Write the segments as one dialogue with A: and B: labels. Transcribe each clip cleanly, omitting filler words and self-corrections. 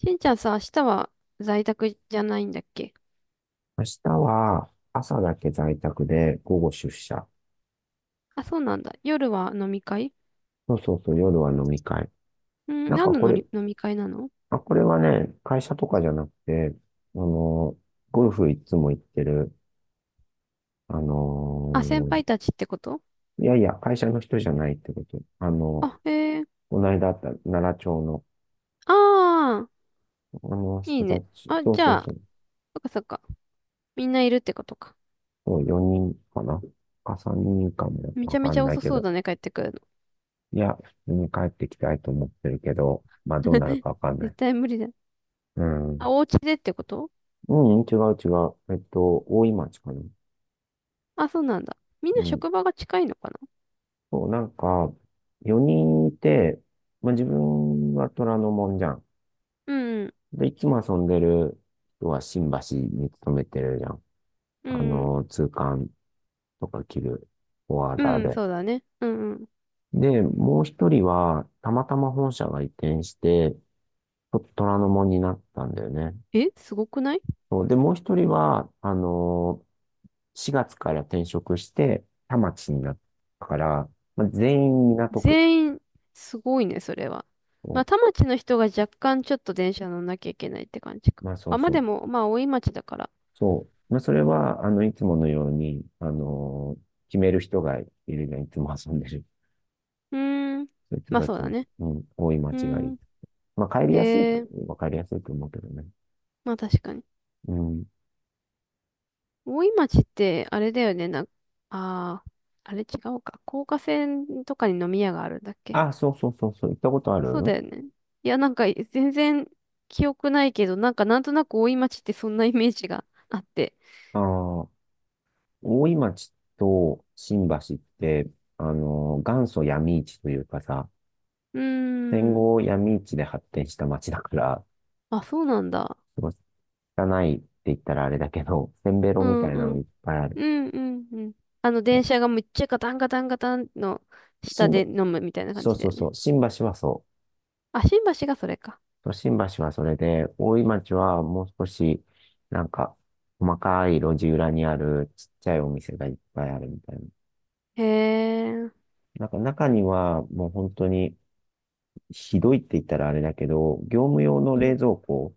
A: しんちゃんさ、明日は在宅じゃないんだっけ？
B: 明日は朝だけ在宅で午後出社。
A: あ、そうなんだ。夜は飲み会？
B: そうそうそう、夜は飲み会。
A: うん、
B: なん
A: 何
B: か
A: の
B: こ
A: の
B: れ、
A: り飲み会なの？
B: これはね、会社とかじゃなくて、あの、ゴルフいつも行ってる、あ
A: あ、先
B: の、
A: 輩たちってこと？
B: いやいや、会社の人じゃないってこと。あの、
A: あ、へえ。
B: この間あった奈良町の、
A: ああ、
B: あの
A: い
B: 人
A: い
B: た
A: ね。
B: ち、
A: あ、
B: そう
A: じ
B: そ
A: ゃ
B: う
A: あ、
B: そう、
A: そっかそっか。みんないるってことか。
B: そう4人かな3人かも
A: めち
B: わ
A: ゃめ
B: か
A: ち
B: ん
A: ゃ
B: ない
A: 遅
B: け
A: そう
B: ど、
A: だね、帰ってくるの。
B: いや、普通に帰ってきたいと思ってるけど、まあどうなる かわかんな
A: 絶
B: い。
A: 対無理だ。
B: うん。
A: あ、お家でってこと？
B: うん、違う違う。大井町かな。
A: あ、そうなんだ。みんな
B: うん。
A: 職場が近いのかな？
B: そう、なんか、4人いて、まあ、自分は虎ノ門じゃん。
A: うん、
B: で、いつも遊んでる人は新橋に勤めてるじゃん。
A: う
B: あ
A: ん、
B: の、通関とか着るフォワー
A: う
B: ダー
A: ん、うん
B: で。
A: そうだね。うん、うん。
B: で、もう一人は、たまたま本社が移転して、ちょっと虎ノ門になったんだよね。
A: え、すごくない？
B: そう、で、もう一人は、4月から転職して、田町になったから、まあ、全員港区。
A: 全員、すごいね、それは。ま
B: そ
A: あ、田町の人が若干ちょっと電車乗んなきゃいけないって感じ
B: う、
A: か。
B: まあそう
A: あ、まあ
B: そ
A: で
B: う。
A: も、まあ、大井町だから。
B: そう。まあそれは、いつものように、決める人がいるじゃん。いつも遊んでる。
A: うーん。
B: そういう人
A: まあ
B: が
A: そう
B: 決め
A: だ
B: る。
A: ね。
B: うん。多い間
A: う
B: 違
A: ー
B: い。
A: ん。
B: まあ帰り
A: え
B: やすい。
A: え。
B: わかりやすいと思うけどね。
A: まあ確かに。
B: うん。
A: 大井町って、あれだよね、ああ、あれ違うか。高架線とかに飲み屋があるんだっけ？
B: あ、そうそうそうそう。行ったことあ
A: そう
B: る。
A: だよね。いや、なんか、全然記憶ないけど、なんか、なんとなく大井町ってそんなイメージがあって。
B: ああ、大井町と新橋って、あの元祖闇市というかさ、
A: うー
B: 戦
A: ん。
B: 後闇市で発展した町だから、
A: あ、そうなんだ。
B: すごい汚いって言ったらあれだけど、せんべろ
A: う
B: み
A: ん
B: たい
A: う
B: なの
A: ん。
B: いっぱいある。
A: うんうんうん。電車がめっちゃガタンガタンガタンの下
B: 新
A: で
B: 聞
A: 飲むみたいな感
B: そう
A: じだ
B: そう
A: よ
B: そ
A: ね。
B: う。新橋はそ
A: あ、新橋がそれか。
B: う。新橋はそれで、大井町はもう少し、なんか、細かい路地裏にあるちっちゃいお店がいっぱいあるみたいな。
A: へえ。
B: なんか中にはもう本当にひどいって言ったらあれだけど、業務用の
A: う
B: 冷
A: ん。
B: 蔵庫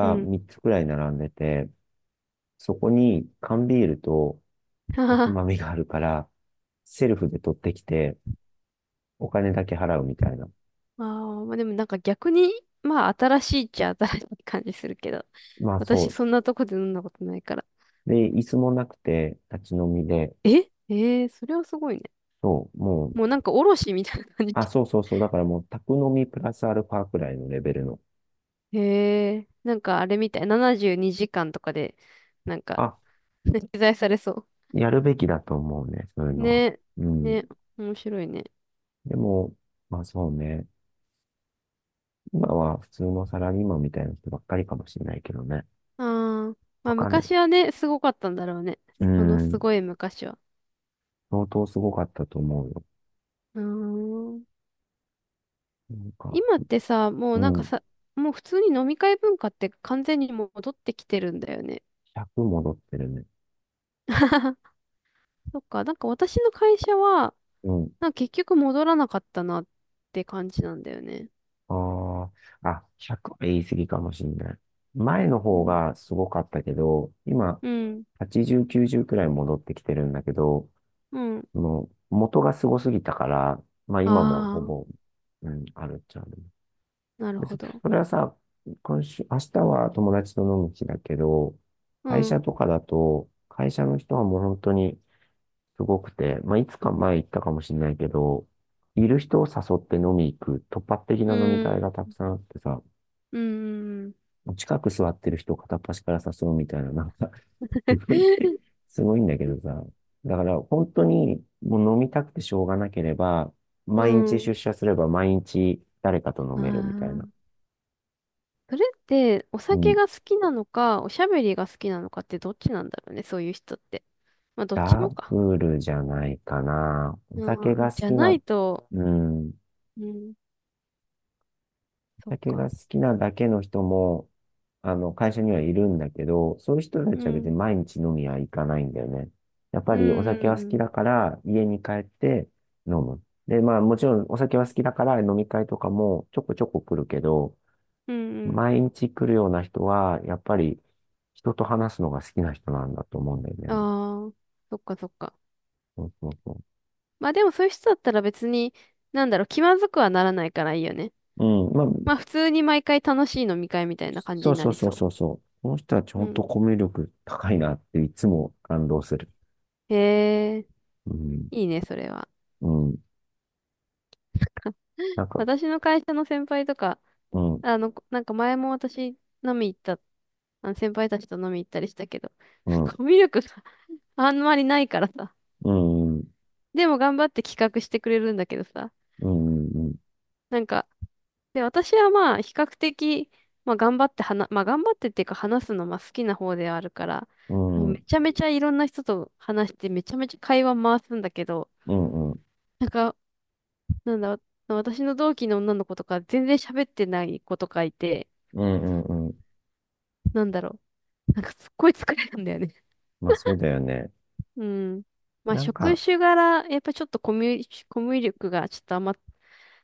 A: うん。
B: 3つくらい並んでて、そこに缶ビールと
A: は
B: お
A: は
B: つ
A: は。
B: まみがあるから、セルフで取ってきて、お金だけ払うみたいな。
A: ああ、まあでもなんか逆に、まあ新しいっちゃ新しい感じするけど、
B: まあ
A: 私
B: そ
A: そんなとこで飲んだことないから。
B: う。で、椅子もなくて、立ち飲みで、
A: ええー、それはすごいね。
B: そう、も、
A: もうなんかおろしみたいな感じ。
B: あ、そうそうそう。だからもう、宅飲みプラスアルファくらいのレベルの。
A: へえ。なんかあれみたい。72時間とかで、なんか、
B: あ、
A: ね、取材されそ
B: やるべきだと思うね、そういう
A: う。
B: のは。
A: ね。
B: うん。
A: ね。面白いね。
B: でも、まあそうね。今は普通のサラリーマンみたいな人ばっかりかもしれないけどね。
A: ああ、ま
B: わ
A: あ
B: かんな
A: 昔
B: い。
A: はね、すごかったんだろうね。
B: う
A: その
B: ん。
A: すごい昔は。
B: 相当すごかったと思うよ。
A: うーん。
B: なんか、
A: 今ってさ、もう
B: う
A: なんか
B: ん。
A: さ、もう普通に飲み会文化って完全に戻ってきてるんだよね。
B: 100戻ってるね。
A: そっか、なんか私の会社は、
B: うん。
A: なんか結局戻らなかったなって感じなんだよね。
B: ああ、あ、100は言い過ぎかもしれない。前の
A: う
B: 方
A: ん。
B: がすごかったけど、今、
A: うん。
B: 80、90くらい戻ってきてるんだけど、
A: うん。
B: その、元がすごすぎたから、まあ今も
A: あ
B: ほぼ、うん、あるっちゃある。
A: あ、なるほ
B: そ
A: ど。
B: それはさ、今週、明日は友達と飲む日だけど、
A: う
B: 会
A: ん。
B: 社とかだと、会社の人はもう本当にすごくて、まあいつか前言ったかもしれないけど、いる人を誘って飲み行く突発的な
A: う
B: 飲み
A: ん。
B: 会がたくさんあってさ、
A: うん。
B: 近く座ってる人を片っ端から誘うみたいな、なんかすごいね、すごいんだけどさ。だから本当にもう飲みたくてしょうがなければ、
A: う
B: 毎日
A: ん。
B: 出社すれば毎日誰かと 飲
A: あ
B: めるみたいな。
A: あ。それってお
B: う
A: 酒
B: ん、
A: が好きなのか、おしゃべりが好きなのかってどっちなんだろうね、そういう人って。まあ、どっち
B: ダ
A: もか。
B: ブルじゃないかな。お酒
A: う
B: が
A: ん、
B: 好
A: じゃ
B: き
A: な
B: な、
A: いと、
B: うん、
A: うん、そっ
B: 酒
A: か。
B: が好きなだけの人も、あの、会社にはいるんだけど、そういう人た
A: う
B: ちは別に
A: ん、
B: 毎日飲みは行かないんだよね。やっぱ
A: う
B: りお
A: ん、
B: 酒は好
A: う
B: き
A: ん、
B: だから、家に帰って飲む。で、まあもちろんお酒は好きだから飲み会とかもちょこちょこ来るけど、
A: うん、うんうん。
B: 毎日来るような人は、やっぱり人と話すのが好きな人なんだと思うんだよ
A: あ
B: ね。
A: あ、そっかそっか。
B: そうそうそ
A: まあでもそういう人だったら別に、なんだろう、気まずくはならないからいいよね。
B: う。うん、まあ、
A: まあ普通に毎回楽しい飲み会みたいな感じ
B: そ
A: に
B: う
A: な
B: そう
A: り
B: そう
A: そ
B: そうそう。この人たち
A: う。う
B: 本当
A: ん。
B: コミュ力高いなっていつも感動する。
A: へえ、
B: うん。
A: いいね、それは。
B: うん。 なんか、
A: 私の会社の先輩とか、
B: うん、
A: なんか前も私飲み行った、あの先輩たちと飲み行ったりしたけど、
B: うん、
A: コミュ力が あんまりないからさ。
B: うん、うん、
A: でも頑張って企画してくれるんだけどさ。
B: うん、う
A: なんか、で、私はまあ比較的、まあ頑張って話、まあ頑張ってっていうか話すのまあ好きな方ではあるから、もう
B: ん、うん、う
A: め
B: ん、
A: ちゃめちゃいろんな人と話してめちゃめちゃ会話回すんだけど、
B: うん、
A: なんか、なんだ、私の同期の女の子とか全然喋ってない子とかいて、
B: うん、うん。
A: なんだろう。なんかすっごい疲れるんだよね。
B: まあそうだよね。
A: うん。まあ、
B: なん
A: 職
B: か、
A: 種柄、やっぱちょっとコミュ力がちょっとあんま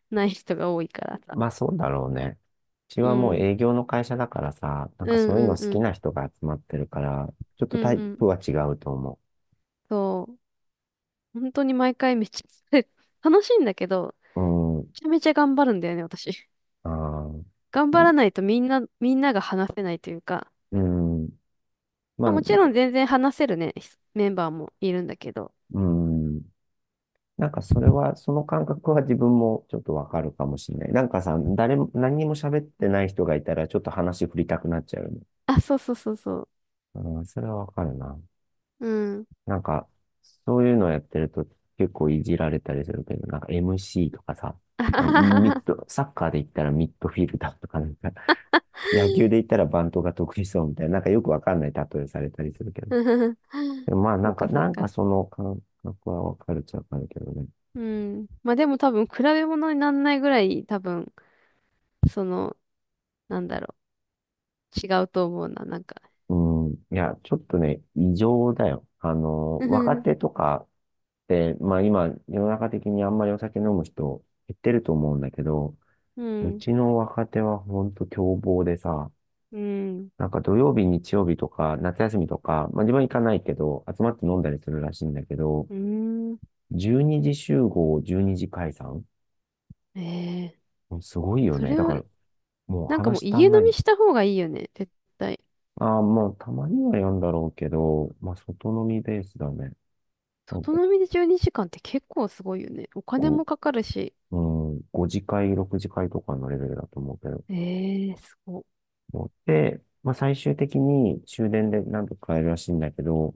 A: ない人が多いからさ。
B: まあそうだろうね。うち
A: う
B: はもう
A: ん。
B: 営業の会社だからさ、なん
A: う
B: か
A: ん
B: そう
A: う
B: いう
A: ん
B: の好
A: う
B: き
A: ん。
B: な人が集まってるから、ちょっと
A: うん
B: タイ
A: うん。
B: プは違うと思
A: そう。本当に毎回めっちゃ疲れる、楽しいんだけど、
B: う。うん、
A: めちゃめちゃ頑張るんだよね、私。
B: あ
A: 頑張ら
B: あ、
A: ないとみんな、みんなが話せないというか、
B: うん、
A: ま
B: まあ、
A: あ、もちろん全然話せるね、ひメンバーもいるんだけど。
B: うん。なんかそれは、その感覚は自分もちょっとわかるかもしれない。なんかさ、誰も、何にも喋ってない人がいたら、ちょっと話振りたくなっちゃうよね。
A: あ、そうそうそうそ
B: うん、それはわかるな。
A: う。うん。
B: なんか、そういうのやってると結構いじられたりするけど、なんか MC とかさ、
A: あは
B: なんか
A: はは
B: ミッ
A: は。
B: ド、サッカーで言ったらミッドフィルダーとかなんか、野球で言ったらバントが得意そうみたいな、なんかよくわかんない例えされたりするけど。
A: うん。
B: でもまあ
A: そ
B: な
A: っ
B: んか、
A: かそっ
B: なんか
A: か。
B: その感覚はわかるっちゃわかるけどね。
A: うん。まあでも多分比べ物にならないぐらい多分その、なんだろう、違うと思うな、なんか。
B: うん、いや、ちょっとね、異常だよ。あの、若 手とかって、まあ今、世の中的にあんまりお酒飲む人減ってると思うんだけど、
A: う
B: う
A: ん、う
B: ちの若手はほんと凶暴でさ、
A: ん、
B: なんか土曜日、日曜日とか、夏休みとか、まあ自分は行かないけど、集まって飲んだりするらしいんだけど、
A: うん。
B: 12時集合、12時解散、
A: ええ。
B: もうすごいよ
A: そ
B: ね。
A: れ
B: だか
A: は、
B: ら、もう
A: なんかもう
B: 話足
A: 家
B: ん
A: 飲
B: ない。
A: みした方がいいよね、絶対。
B: ああ、まあたまにはやんだろうけど、まあ外飲みベースだね。なん
A: 外
B: か
A: 飲みで12時間って結構すごいよね。お金
B: こ
A: もかかるし。
B: う、う5次会、6次会とかのレベルだと思うけど。
A: ええすごい。
B: 思って、まあ、最終的に終電で何とか帰るらしいんだけど、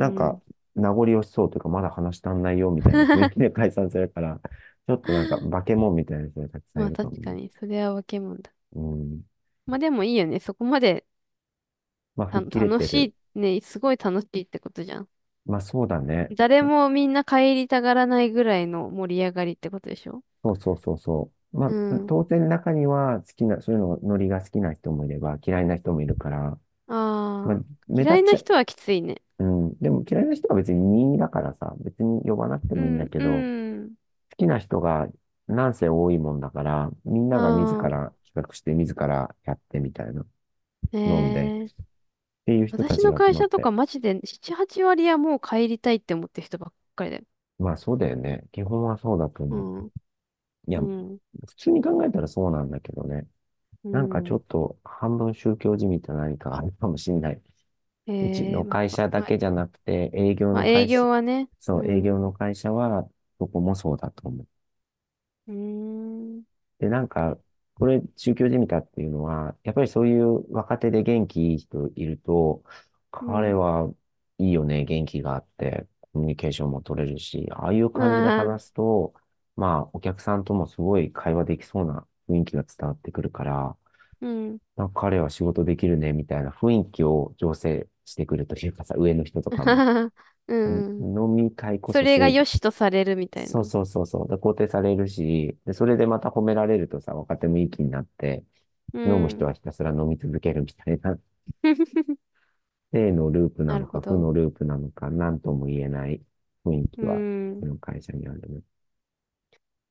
A: う
B: んか、
A: ん。
B: 名残惜しそうというか、まだ話足んないよみたいな雰囲気で解散するから、ちょっとなんか、化け物みたいな人がたくさん
A: ま
B: い
A: あ
B: るかも
A: 確か
B: ね。
A: に、それは分けもんだ。
B: うん。
A: まあでもいいよね、そこまで
B: まあ、吹っ切れ
A: 楽
B: てる。
A: しい、ね、すごい楽しいってことじゃん。
B: まあ、そうだね。
A: 誰もみんな帰りたがらないぐらいの盛り上がりってことでしょ
B: そうそうそうそう。ま
A: う？
B: あ、当然中には好きな、そういうの、ノリが好きな人もいれば、嫌いな人もいるから、まあ、
A: ああ、
B: 目立
A: 嫌
B: っ
A: いな
B: ちゃう。
A: 人はきついね。
B: うん。でも嫌いな人は別に任意だからさ、別に呼ばなくて
A: う
B: もいいんだ
A: ん、
B: け
A: う
B: ど、
A: ん。
B: きな人がなんせ多いもんだから、みんなが自
A: ああ、
B: ら企画して自らやってみたいな、飲んでっ
A: ねえ。
B: ていう人た
A: 私
B: ち
A: の
B: が集
A: 会
B: まっ
A: 社とか
B: て。
A: マジで7、8割はもう帰りたいって思ってる人ばっかりだよ。
B: まあそうだよね。基本はそうだと
A: う
B: 思う。
A: ん、
B: いや、
A: うん、
B: 普通に考えたらそうなんだけどね。
A: う
B: なんかちょ
A: ん。
B: っと半分宗教じみた何かあるかもしんない。
A: え
B: うち
A: え、
B: の会社だけじゃなくて、営業
A: まあ、
B: の
A: 営
B: 会社、
A: 業はね。う
B: そう、営
A: ん、
B: 業
A: う
B: の会社は、どこもそうだと思う。
A: ーん、
B: で、なんか、これ、宗教じみたっていうのは、やっぱりそういう若手で元気いい人いると、
A: う
B: 彼
A: ん。
B: はいいよね、元気があって、コミュニケーションも取れるし、ああいう
A: ま
B: 感じで
A: あ、
B: 話すと、まあ、お客さんともすごい会話できそうな雰囲気が伝わってくるから、
A: うん。
B: なんか彼は仕事できるね、みたいな雰囲気を醸成してくるというかさ、上の人とかも。
A: うん。
B: 飲み会こ
A: そ
B: そ
A: れが
B: 正
A: 良
B: 義。
A: しとされるみたいな。
B: そうそうそうそう。で、肯定されるし、で、それでまた褒められるとさ、若手もいい気になって、
A: う
B: 飲む人
A: ん。
B: はひたすら飲み続けるみたいな、正のループな
A: なる
B: の
A: ほ
B: か、負
A: ど。
B: のループなのか、なんとも言えない雰囲
A: う
B: 気は、こ
A: ん。
B: の会社にあるね。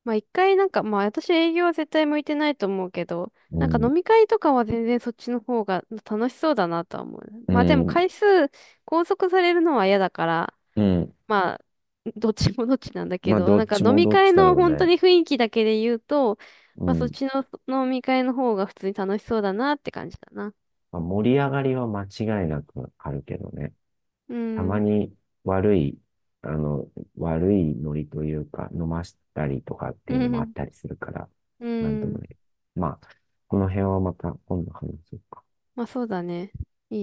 A: まあ一回なんか、まあ私営業は絶対向いてないと思うけど、
B: う
A: なんか
B: ん、
A: 飲み会とかは全然そっちの方が楽しそうだなとは思う。
B: う
A: まあでも
B: ん、
A: 回数拘束されるのは嫌だから、
B: うん。
A: まあどっちもどっちなんだけ
B: まあ、
A: ど、
B: ど
A: なん
B: っ
A: か
B: ち
A: 飲
B: も
A: み
B: どっ
A: 会
B: ちだ
A: の
B: ろう
A: 本当
B: ね。
A: に雰囲気だけで言うと、
B: う
A: まあそっ
B: ん。
A: ちの飲み会の方が普通に楽しそうだなって感じだな。
B: まあ、盛り上がりは間違いなくあるけどね。
A: う
B: たま
A: ん。
B: に悪い、あの、悪いノリというか、飲ましたりとかって
A: う
B: いうのもあっ
A: ん。
B: たりするから、
A: う
B: なんとも
A: ん。
B: ね。まあ、この辺はまた今度話そうか。
A: まあそうだね。